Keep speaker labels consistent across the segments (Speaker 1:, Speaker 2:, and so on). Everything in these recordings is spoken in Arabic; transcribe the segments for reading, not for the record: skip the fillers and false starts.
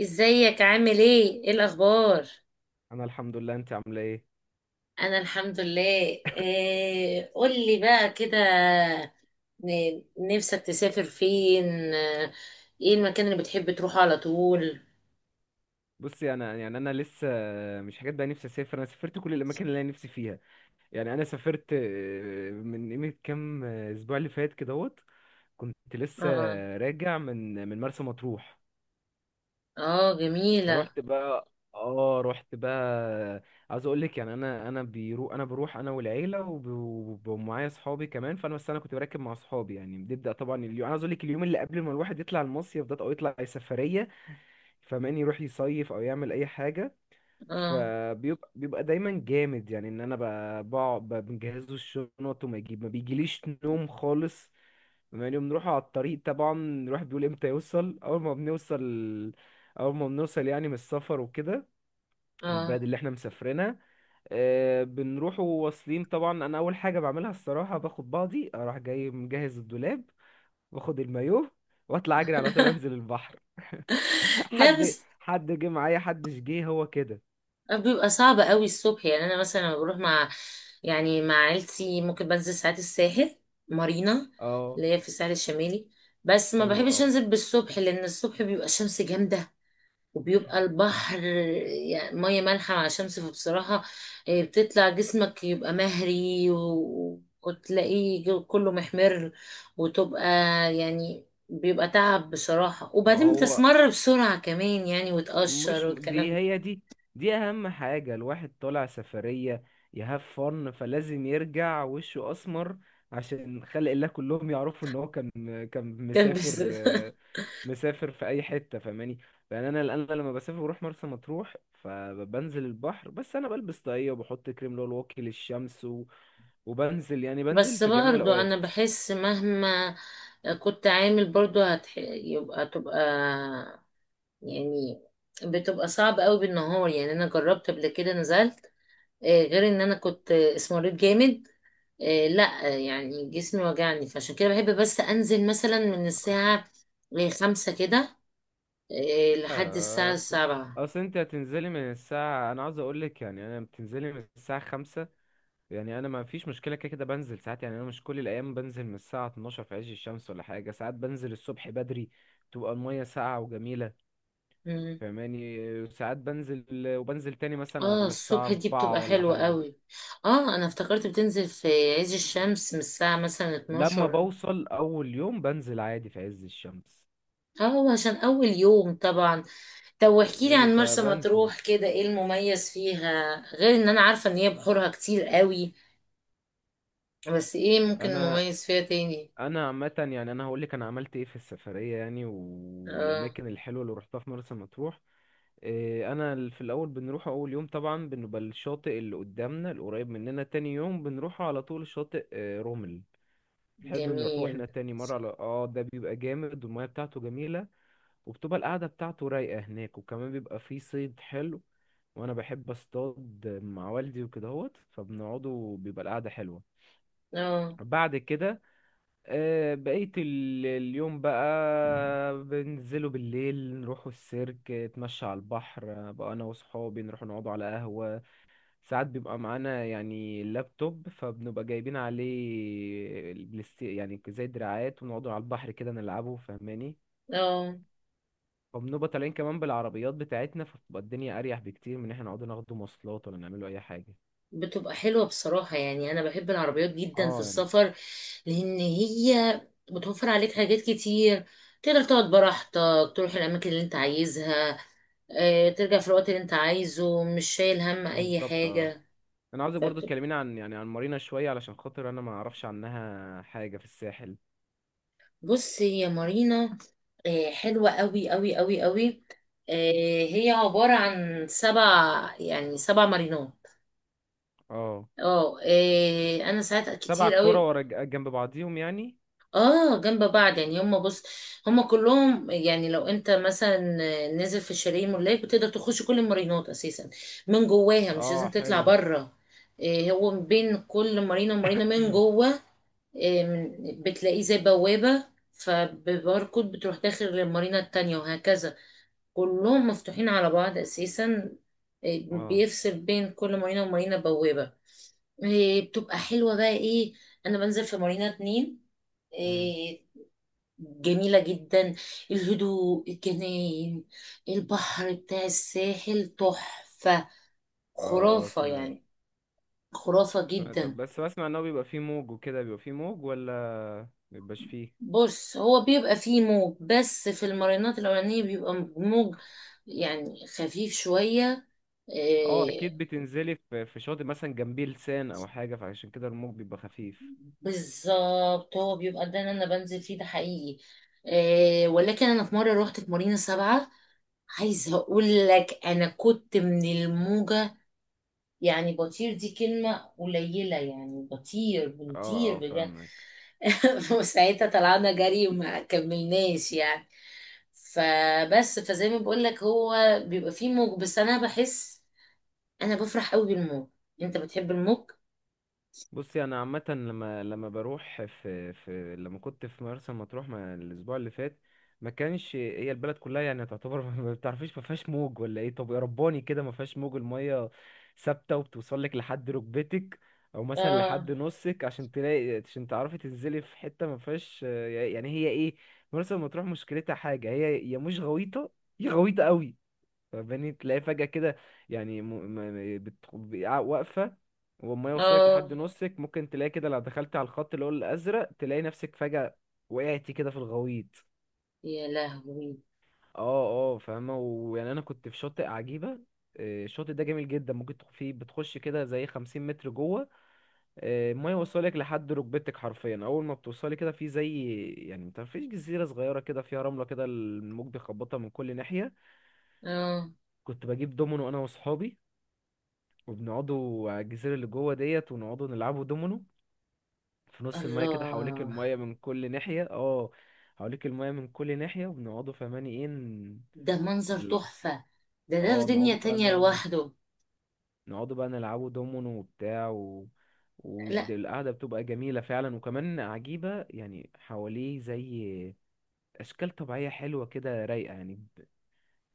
Speaker 1: ازيك؟ عامل ايه؟ ايه الاخبار؟
Speaker 2: انا الحمد لله. انت عامله ايه؟
Speaker 1: انا الحمد لله. إيه قولي بقى كده. نفسك تسافر فين؟ ايه المكان اللي بتحب تروحه على طول؟
Speaker 2: بصي، انا يعني انا لسه مش حاجات بقى نفسي اسافر. انا سافرت كل الاماكن اللي انا نفسي فيها. يعني انا سافرت من قيمه كام اسبوع اللي فات كدهوت. كنت لسه
Speaker 1: اه.
Speaker 2: راجع من مرسى مطروح.
Speaker 1: اه، جميلة.
Speaker 2: فروحت بقى، اه رحت بقى. عاوز اقول لك، يعني انا بيرو، انا بروح انا والعيله ومعايا اصحابي كمان. فانا، بس انا كنت براكب مع اصحابي. يعني بنبدا، طبعا اليوم، انا عاوز اقول لك، اليوم اللي قبل ما الواحد يطلع المصيف ده او يطلع اي سفريه، فاهماني، يروح يصيف او يعمل اي حاجه،
Speaker 1: اه.
Speaker 2: فبيبقى دايما جامد. يعني ان انا بقعد بنجهزه الشنط، وما يجيب، ما بيجيليش نوم خالص. بما اني بنروح على الطريق طبعا، الواحد بيقول امتى يوصل. اول ما بنوصل، اول ما بنوصل يعني من السفر وكده، البلد
Speaker 1: اه.
Speaker 2: اللي احنا مسافرينها، بنروح وواصلين. طبعا انا اول حاجه بعملها الصراحه، باخد بعضي اروح جاي مجهز الدولاب، واخد المايوه، واطلع اجري على طول انزل البحر.
Speaker 1: لا
Speaker 2: حد،
Speaker 1: بس
Speaker 2: حد جه معايا؟ حدش جه، هو كده.
Speaker 1: بيبقى صعب قوي الصبح. يعني انا مثلا لما بروح مع يعني مع عيلتي، ممكن بنزل ساعات الساحل، مارينا
Speaker 2: اه
Speaker 1: اللي هي في الساحل الشمالي. بس ما
Speaker 2: حلو،
Speaker 1: بحبش
Speaker 2: اه.
Speaker 1: انزل بالصبح، لان الصبح بيبقى الشمس جامدة، وبيبقى البحر يعني مية مالحة مع شمس. فبصراحة إيه، بتطلع جسمك يبقى مهري وتلاقيه كله محمر، وتبقى يعني بيبقى تعب بصراحة،
Speaker 2: ما
Speaker 1: وبعدين
Speaker 2: هو
Speaker 1: بتسمر بسرعة كمان يعني، وتقشر
Speaker 2: مش
Speaker 1: والكلام
Speaker 2: دي
Speaker 1: ده.
Speaker 2: هي دي، دي اهم حاجة. الواحد طالع سفرية يهاف فن، فلازم يرجع وشه اسمر عشان خلق الله كلهم يعرفوا ان هو كان، كان
Speaker 1: كان بس
Speaker 2: مسافر، مسافر في اي حتة، فاهماني. يعني انا لما بسافر بروح مرسى مطروح، فبنزل البحر. بس انا بلبس طاقية، وبحط كريم اللي هو الواقي للشمس، و... وبنزل، يعني بنزل
Speaker 1: بس
Speaker 2: في جميع
Speaker 1: برضو أنا
Speaker 2: الاوقات.
Speaker 1: بحس مهما كنت عامل برضو يبقى تبقى يعني، بتبقى صعب قوي بالنهار. يعني أنا جربت قبل كده نزلت، غير ان انا كنت اسمريت جامد، لا، يعني جسمي وجعني. فعشان كده بحب بس انزل مثلا من الساعة 5 كده لحد الساعة
Speaker 2: أصل،
Speaker 1: سبعة
Speaker 2: أنت هتنزلي من الساعة، أنا عاوز أقولك، يعني أنا بتنزلي من الساعة 5. يعني أنا ما فيش مشكلة، كده كده بنزل ساعات. يعني أنا مش كل الأيام بنزل من الساعة 12 في عز الشمس ولا حاجة. ساعات بنزل الصبح بدري، تبقى المية ساقعة وجميلة،
Speaker 1: مم.
Speaker 2: فاهماني. ساعات بنزل وبنزل تاني مثلا
Speaker 1: اه،
Speaker 2: على الساعة
Speaker 1: الصبح دي بتبقى
Speaker 2: 4 ولا
Speaker 1: حلوة
Speaker 2: حاجة.
Speaker 1: قوي. اه، انا افتكرت بتنزل في عز الشمس من الساعة مثلا
Speaker 2: لما
Speaker 1: 12.
Speaker 2: بوصل أول يوم بنزل عادي في عز الشمس،
Speaker 1: اه، عشان اول يوم طبعا. طب واحكيلي
Speaker 2: فاهماني،
Speaker 1: عن مرسى
Speaker 2: فبنزل.
Speaker 1: مطروح كده، ايه المميز فيها غير ان انا عارفة ان هي بحورها كتير قوي؟ بس ايه ممكن
Speaker 2: أنا،
Speaker 1: مميز فيها تاني؟
Speaker 2: انا عامه يعني، انا هقول لك انا عملت ايه في السفريه، يعني
Speaker 1: اه،
Speaker 2: والاماكن الحلوه اللي روحتها في مرسى مطروح. انا في الاول بنروح، اول يوم طبعا بنبقى الشاطئ اللي قدامنا القريب مننا. تاني يوم بنروح على طول شاطئ رمل، بنحب نروحه
Speaker 1: جميل.
Speaker 2: احنا تاني مره. على اه، ده بيبقى جامد، والميه بتاعته جميله، وبتبقى القعده بتاعته رايقه هناك، وكمان بيبقى فيه صيد حلو، وانا بحب اصطاد مع والدي وكدهوت. فبنقعدوا، بيبقى القعده حلوه.
Speaker 1: اه.
Speaker 2: بعد كده، بقيت اليوم بقى بننزله بالليل، نروحوا السيرك، اتمشى على البحر. بقى انا وصحابي نروح نقعدوا على قهوة. ساعات بيبقى معانا يعني اللابتوب، فبنبقى جايبين عليه البلاستي يعني زي دراعات، ونقعدوا على البحر كده نلعبه، فاهماني.
Speaker 1: اه،
Speaker 2: وبنبقى طالعين كمان بالعربيات بتاعتنا، فبتبقى الدنيا اريح بكتير من ان احنا نقعد ناخد مواصلات ولا نعملوا اي حاجة.
Speaker 1: بتبقى حلوة بصراحة. يعني أنا بحب العربيات جدا في
Speaker 2: اه يعني،
Speaker 1: السفر، لأن هي بتوفر عليك حاجات كتير. تقدر تقعد براحتك، تروح الأماكن اللي أنت عايزها، ترجع في الوقت اللي أنت عايزه، مش شايل هم أي
Speaker 2: بالظبط اه.
Speaker 1: حاجة.
Speaker 2: انا عاوزك برضو
Speaker 1: فبت-
Speaker 2: تكلميني عن، يعني عن مارينا شويه، علشان خاطر انا ما اعرفش عنها حاجه في الساحل.
Speaker 1: بص، هي مارينا حلوة أوي أوي أوي أوي. هي عبارة عن سبع يعني سبع مارينات.
Speaker 2: اه،
Speaker 1: اه. إيه انا ساعات
Speaker 2: سبع
Speaker 1: كتير
Speaker 2: كرة
Speaker 1: قوي.
Speaker 2: ورا جنب بعضيهم يعني.
Speaker 1: اه، جنب بعض. يعني بص هم كلهم، يعني لو انت مثلا نزل في الشاليه ملاك بتقدر تخش كل المارينات اساسا من جواها، مش
Speaker 2: اه
Speaker 1: لازم تطلع
Speaker 2: حلو،
Speaker 1: بره. إيه هو بين كل مارينا ومارينا من جوه، إيه بتلاقيه زي بوابة، فبباركود بتروح داخل للمارينا التانية وهكذا. كلهم مفتوحين على بعض اساسا. إيه
Speaker 2: اه.
Speaker 1: بيفصل بين كل مارينا ومارينا بوابة. إيه بتبقى حلوة بقى ايه، انا بنزل في مارينا اتنين
Speaker 2: مم.
Speaker 1: آه، جميلة جدا. الهدوء، الجناين، البحر بتاع الساحل تحفة،
Speaker 2: اه اه
Speaker 1: خرافة
Speaker 2: سمعت.
Speaker 1: يعني، خرافة
Speaker 2: سمعت،
Speaker 1: جدا.
Speaker 2: بس بسمع ان هو بيبقى فيه موج وكده. بيبقى فيه موج ولا مبيبقاش فيه؟
Speaker 1: بص هو بيبقى فيه موج بس في المارينات الأولانية بيبقى موج يعني خفيف شوية.
Speaker 2: اه
Speaker 1: آه.
Speaker 2: اكيد بتنزلي في شاطئ مثلا جنبيه لسان او حاجه، فعشان كده الموج بيبقى خفيف.
Speaker 1: بالظبط، هو بيبقى ده اللي أنا بنزل فيه ده حقيقي. ولكن أنا في مرة روحت في مارينا سبعة. عايزة أقول لك أنا كنت من الموجة يعني بطير. دي كلمة قليلة، يعني بطير
Speaker 2: اه
Speaker 1: بنطير
Speaker 2: اه
Speaker 1: بجد.
Speaker 2: فاهمك.
Speaker 1: وساعتها طلعنا جري وما كملناش يعني. فبس، فزي ما بقول لك هو بيبقى فيه موج، بس انا بفرح قوي بالموج. انت بتحب الموج؟
Speaker 2: بصي انا عامه، لما بروح في لما كنت في مرسى مطروح، ما الاسبوع اللي فات، ما كانش هي البلد كلها يعني تعتبر ما بتعرفيش، ما فيهاش موج ولا ايه. طب يا رباني، كده ما فيهاش موج، الميه ثابته، وبتوصل لك لحد ركبتك، او مثلا
Speaker 1: اه.
Speaker 2: لحد نصك. عشان تلاقي، عشان تعرفي تنزلي في حته ما فيهاش، يعني هي ايه، مرسى مطروح مشكلتها حاجه، هي يا مش غويطه يا غويطه قوي، فاهماني. تلاقي فجأة كده يعني واقفة وما يوصلك
Speaker 1: اه.
Speaker 2: لحد نصك، ممكن تلاقي كده لو دخلت على الخط اللي هو الأزرق تلاقي نفسك فجأة وقعتي كده في الغويط.
Speaker 1: يا لهوي.
Speaker 2: اه اه فاهمة. ويعني أنا كنت في شاطئ عجيبة. الشاطئ ده جميل جدا، ممكن فيه بتخش كده زي 50 متر جوه. المية يوصلك لحد ركبتك حرفيا. أول ما بتوصلي كده، في زي يعني متعرفيش جزيرة صغيرة كده، فيها رملة كده، الموج بيخبطها من كل ناحية.
Speaker 1: اه.
Speaker 2: كنت بجيب دومينو أنا وأصحابي، وبنقعدوا على الجزيرة اللي جوه ديت، ونقعدوا نلعبوا دومينو في نص المايه كده، حواليك
Speaker 1: الله،
Speaker 2: المايه من كل ناحية. اه، حواليك المايه من كل ناحية وبنقعدوا، فهماني ايه،
Speaker 1: ده منظر تحفة. ده في
Speaker 2: اه.
Speaker 1: دنيا
Speaker 2: نقعدوا بقى
Speaker 1: تانية لوحده.
Speaker 2: نقعدوا بقى نلعبوا دومينو وبتاع، و...
Speaker 1: لا
Speaker 2: والقعدة بتبقى جميلة فعلا وكمان عجيبة يعني، حواليه زي أشكال طبيعية حلوة كده رايقة، يعني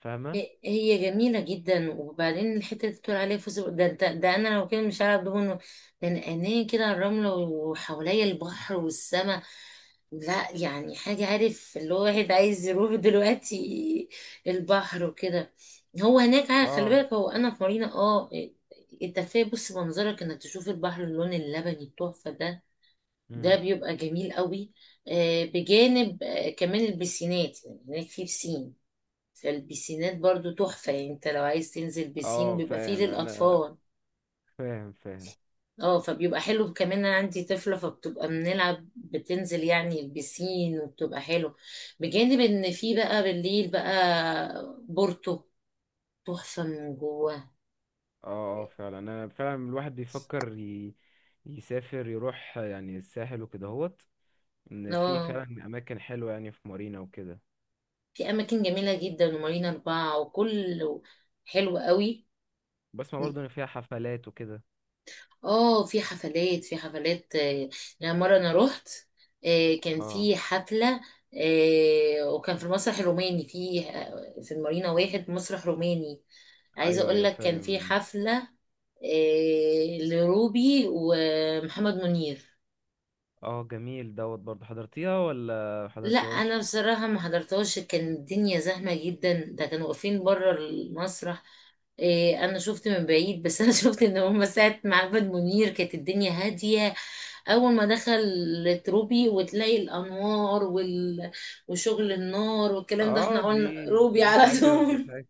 Speaker 2: فاهمة؟
Speaker 1: هي جميلة جدا، وبعدين الحتة اللي بتقول عليها فوز ده، أنا لو كده مش هعرف دوبه، لأن عينيه كده على الرملة وحواليا البحر والسماء. لا يعني حاجة، عارف اللي هو واحد عايز يروح دلوقتي البحر وكده. هو هناك، عارف خلي
Speaker 2: اه.
Speaker 1: بالك، هو أنا في مارينا اه، انت كفاية بص منظرك انك تشوف البحر، اللون اللبني التحفة ده، ده
Speaker 2: مم.
Speaker 1: بيبقى جميل قوي. بجانب كمان البسينات، يعني هناك في بسين. فالبيسينات برضو تحفة. يعني انت لو عايز تنزل بيسين
Speaker 2: اه
Speaker 1: بيبقى فيه
Speaker 2: فاهم أنا،
Speaker 1: للأطفال.
Speaker 2: فاهم فاهم.
Speaker 1: اه، فبيبقى حلو كمان. انا عندي طفلة فبتبقى بنلعب، بتنزل يعني البيسين، وبتبقى حلو. بجانب ان في بقى بالليل بقى بورتو تحفة من جوه.
Speaker 2: اه اه فعلا، انا فعلا الواحد بيفكر يسافر يروح يعني الساحل وكده هوت. ان في
Speaker 1: اه،
Speaker 2: فعلا اماكن حلوه يعني في مارينا وكده.
Speaker 1: في اماكن جميلة جدا، ومارينا اربعة وكل، حلو قوي.
Speaker 2: بسمع برضو ان فيها حفلات وكده.
Speaker 1: اه، في حفلات، في حفلات يعني مرة انا رحت، كان
Speaker 2: اه
Speaker 1: في حفلة وكان في المسرح الروماني، في المارينا واحد مسرح روماني. عايزة
Speaker 2: ايوه
Speaker 1: اقول
Speaker 2: ايوه
Speaker 1: لك كان في
Speaker 2: فاهم.
Speaker 1: حفلة لروبي ومحمد منير.
Speaker 2: اه جميل دوت. برضو حضرتيها ولا
Speaker 1: لا انا
Speaker 2: حضرتيهاش؟
Speaker 1: بصراحه ما حضرتهاش، كان الدنيا زحمه جدا، ده كانوا واقفين بره المسرح. إيه انا شفت من بعيد بس انا شفت ان هم ساعه معبد منير كانت الدنيا هاديه. اول ما دخل روبي وتلاقي الانوار وشغل النار والكلام ده،
Speaker 2: اه
Speaker 1: احنا قلنا
Speaker 2: دي
Speaker 1: روبي
Speaker 2: دي
Speaker 1: على
Speaker 2: حاجه ودي
Speaker 1: طول.
Speaker 2: حاجه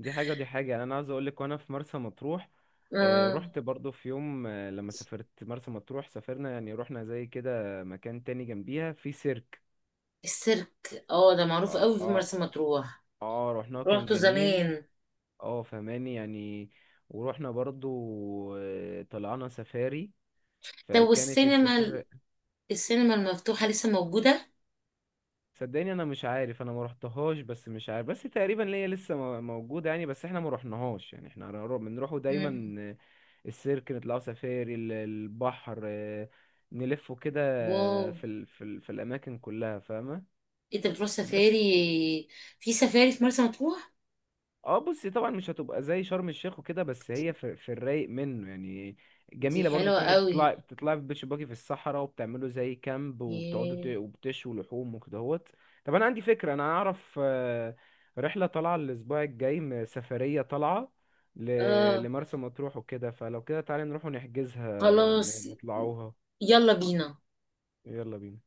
Speaker 2: دي حاجه ودي حاجه. يعني انا عاوز اقول لك، وانا في مرسى مطروح،
Speaker 1: آه
Speaker 2: رحت برضو في يوم، لما سافرت مرسى مطروح، سافرنا يعني رحنا زي كده مكان تاني جنبيها، في سيرك.
Speaker 1: السيرك، اه ده معروف
Speaker 2: اه
Speaker 1: قوي في
Speaker 2: اه
Speaker 1: مرسى مطروح.
Speaker 2: اه، رحناه كان
Speaker 1: روحته
Speaker 2: جميل.
Speaker 1: زمان.
Speaker 2: اه فهماني يعني. ورحنا برضو، طلعنا سفاري،
Speaker 1: طب
Speaker 2: فكانت
Speaker 1: والسينما،
Speaker 2: السفاري.
Speaker 1: السينما المفتوحه لسه موجوده؟
Speaker 2: صدقني انا مش عارف، انا ما رحتهاش، بس مش عارف، بس تقريبا ليا لسه موجوده يعني. بس احنا ما رحناهاش يعني. احنا بنروحوا
Speaker 1: مم.
Speaker 2: دايما السيرك، نطلعوا سفاري، البحر. نلفوا كده
Speaker 1: واو،
Speaker 2: في الاماكن كلها، فاهمه.
Speaker 1: انت بتروح
Speaker 2: بس
Speaker 1: سفاري في مرسى مطروح؟
Speaker 2: اه، بصي طبعا مش هتبقى زي شرم الشيخ وكده، بس هي في, في الرايق منه يعني.
Speaker 1: دي
Speaker 2: جميله برضو،
Speaker 1: حلوة
Speaker 2: بتروحي
Speaker 1: قوي.
Speaker 2: تطلعي بتطلعي في بيتش باجي في الصحراء، وبتعملوا زي كامب، وبتقعدوا
Speaker 1: ياه.
Speaker 2: وبتشوا لحوم وكدهوت. طب انا عندي فكره، انا اعرف رحله طالعه الاسبوع الجاي، سفريه طالعه
Speaker 1: اه،
Speaker 2: لمرسى مطروح وكده. فلو كده تعالي نروح ونحجزها،
Speaker 1: خلاص.
Speaker 2: نطلعوها.
Speaker 1: يلا بينا.
Speaker 2: يلا بينا.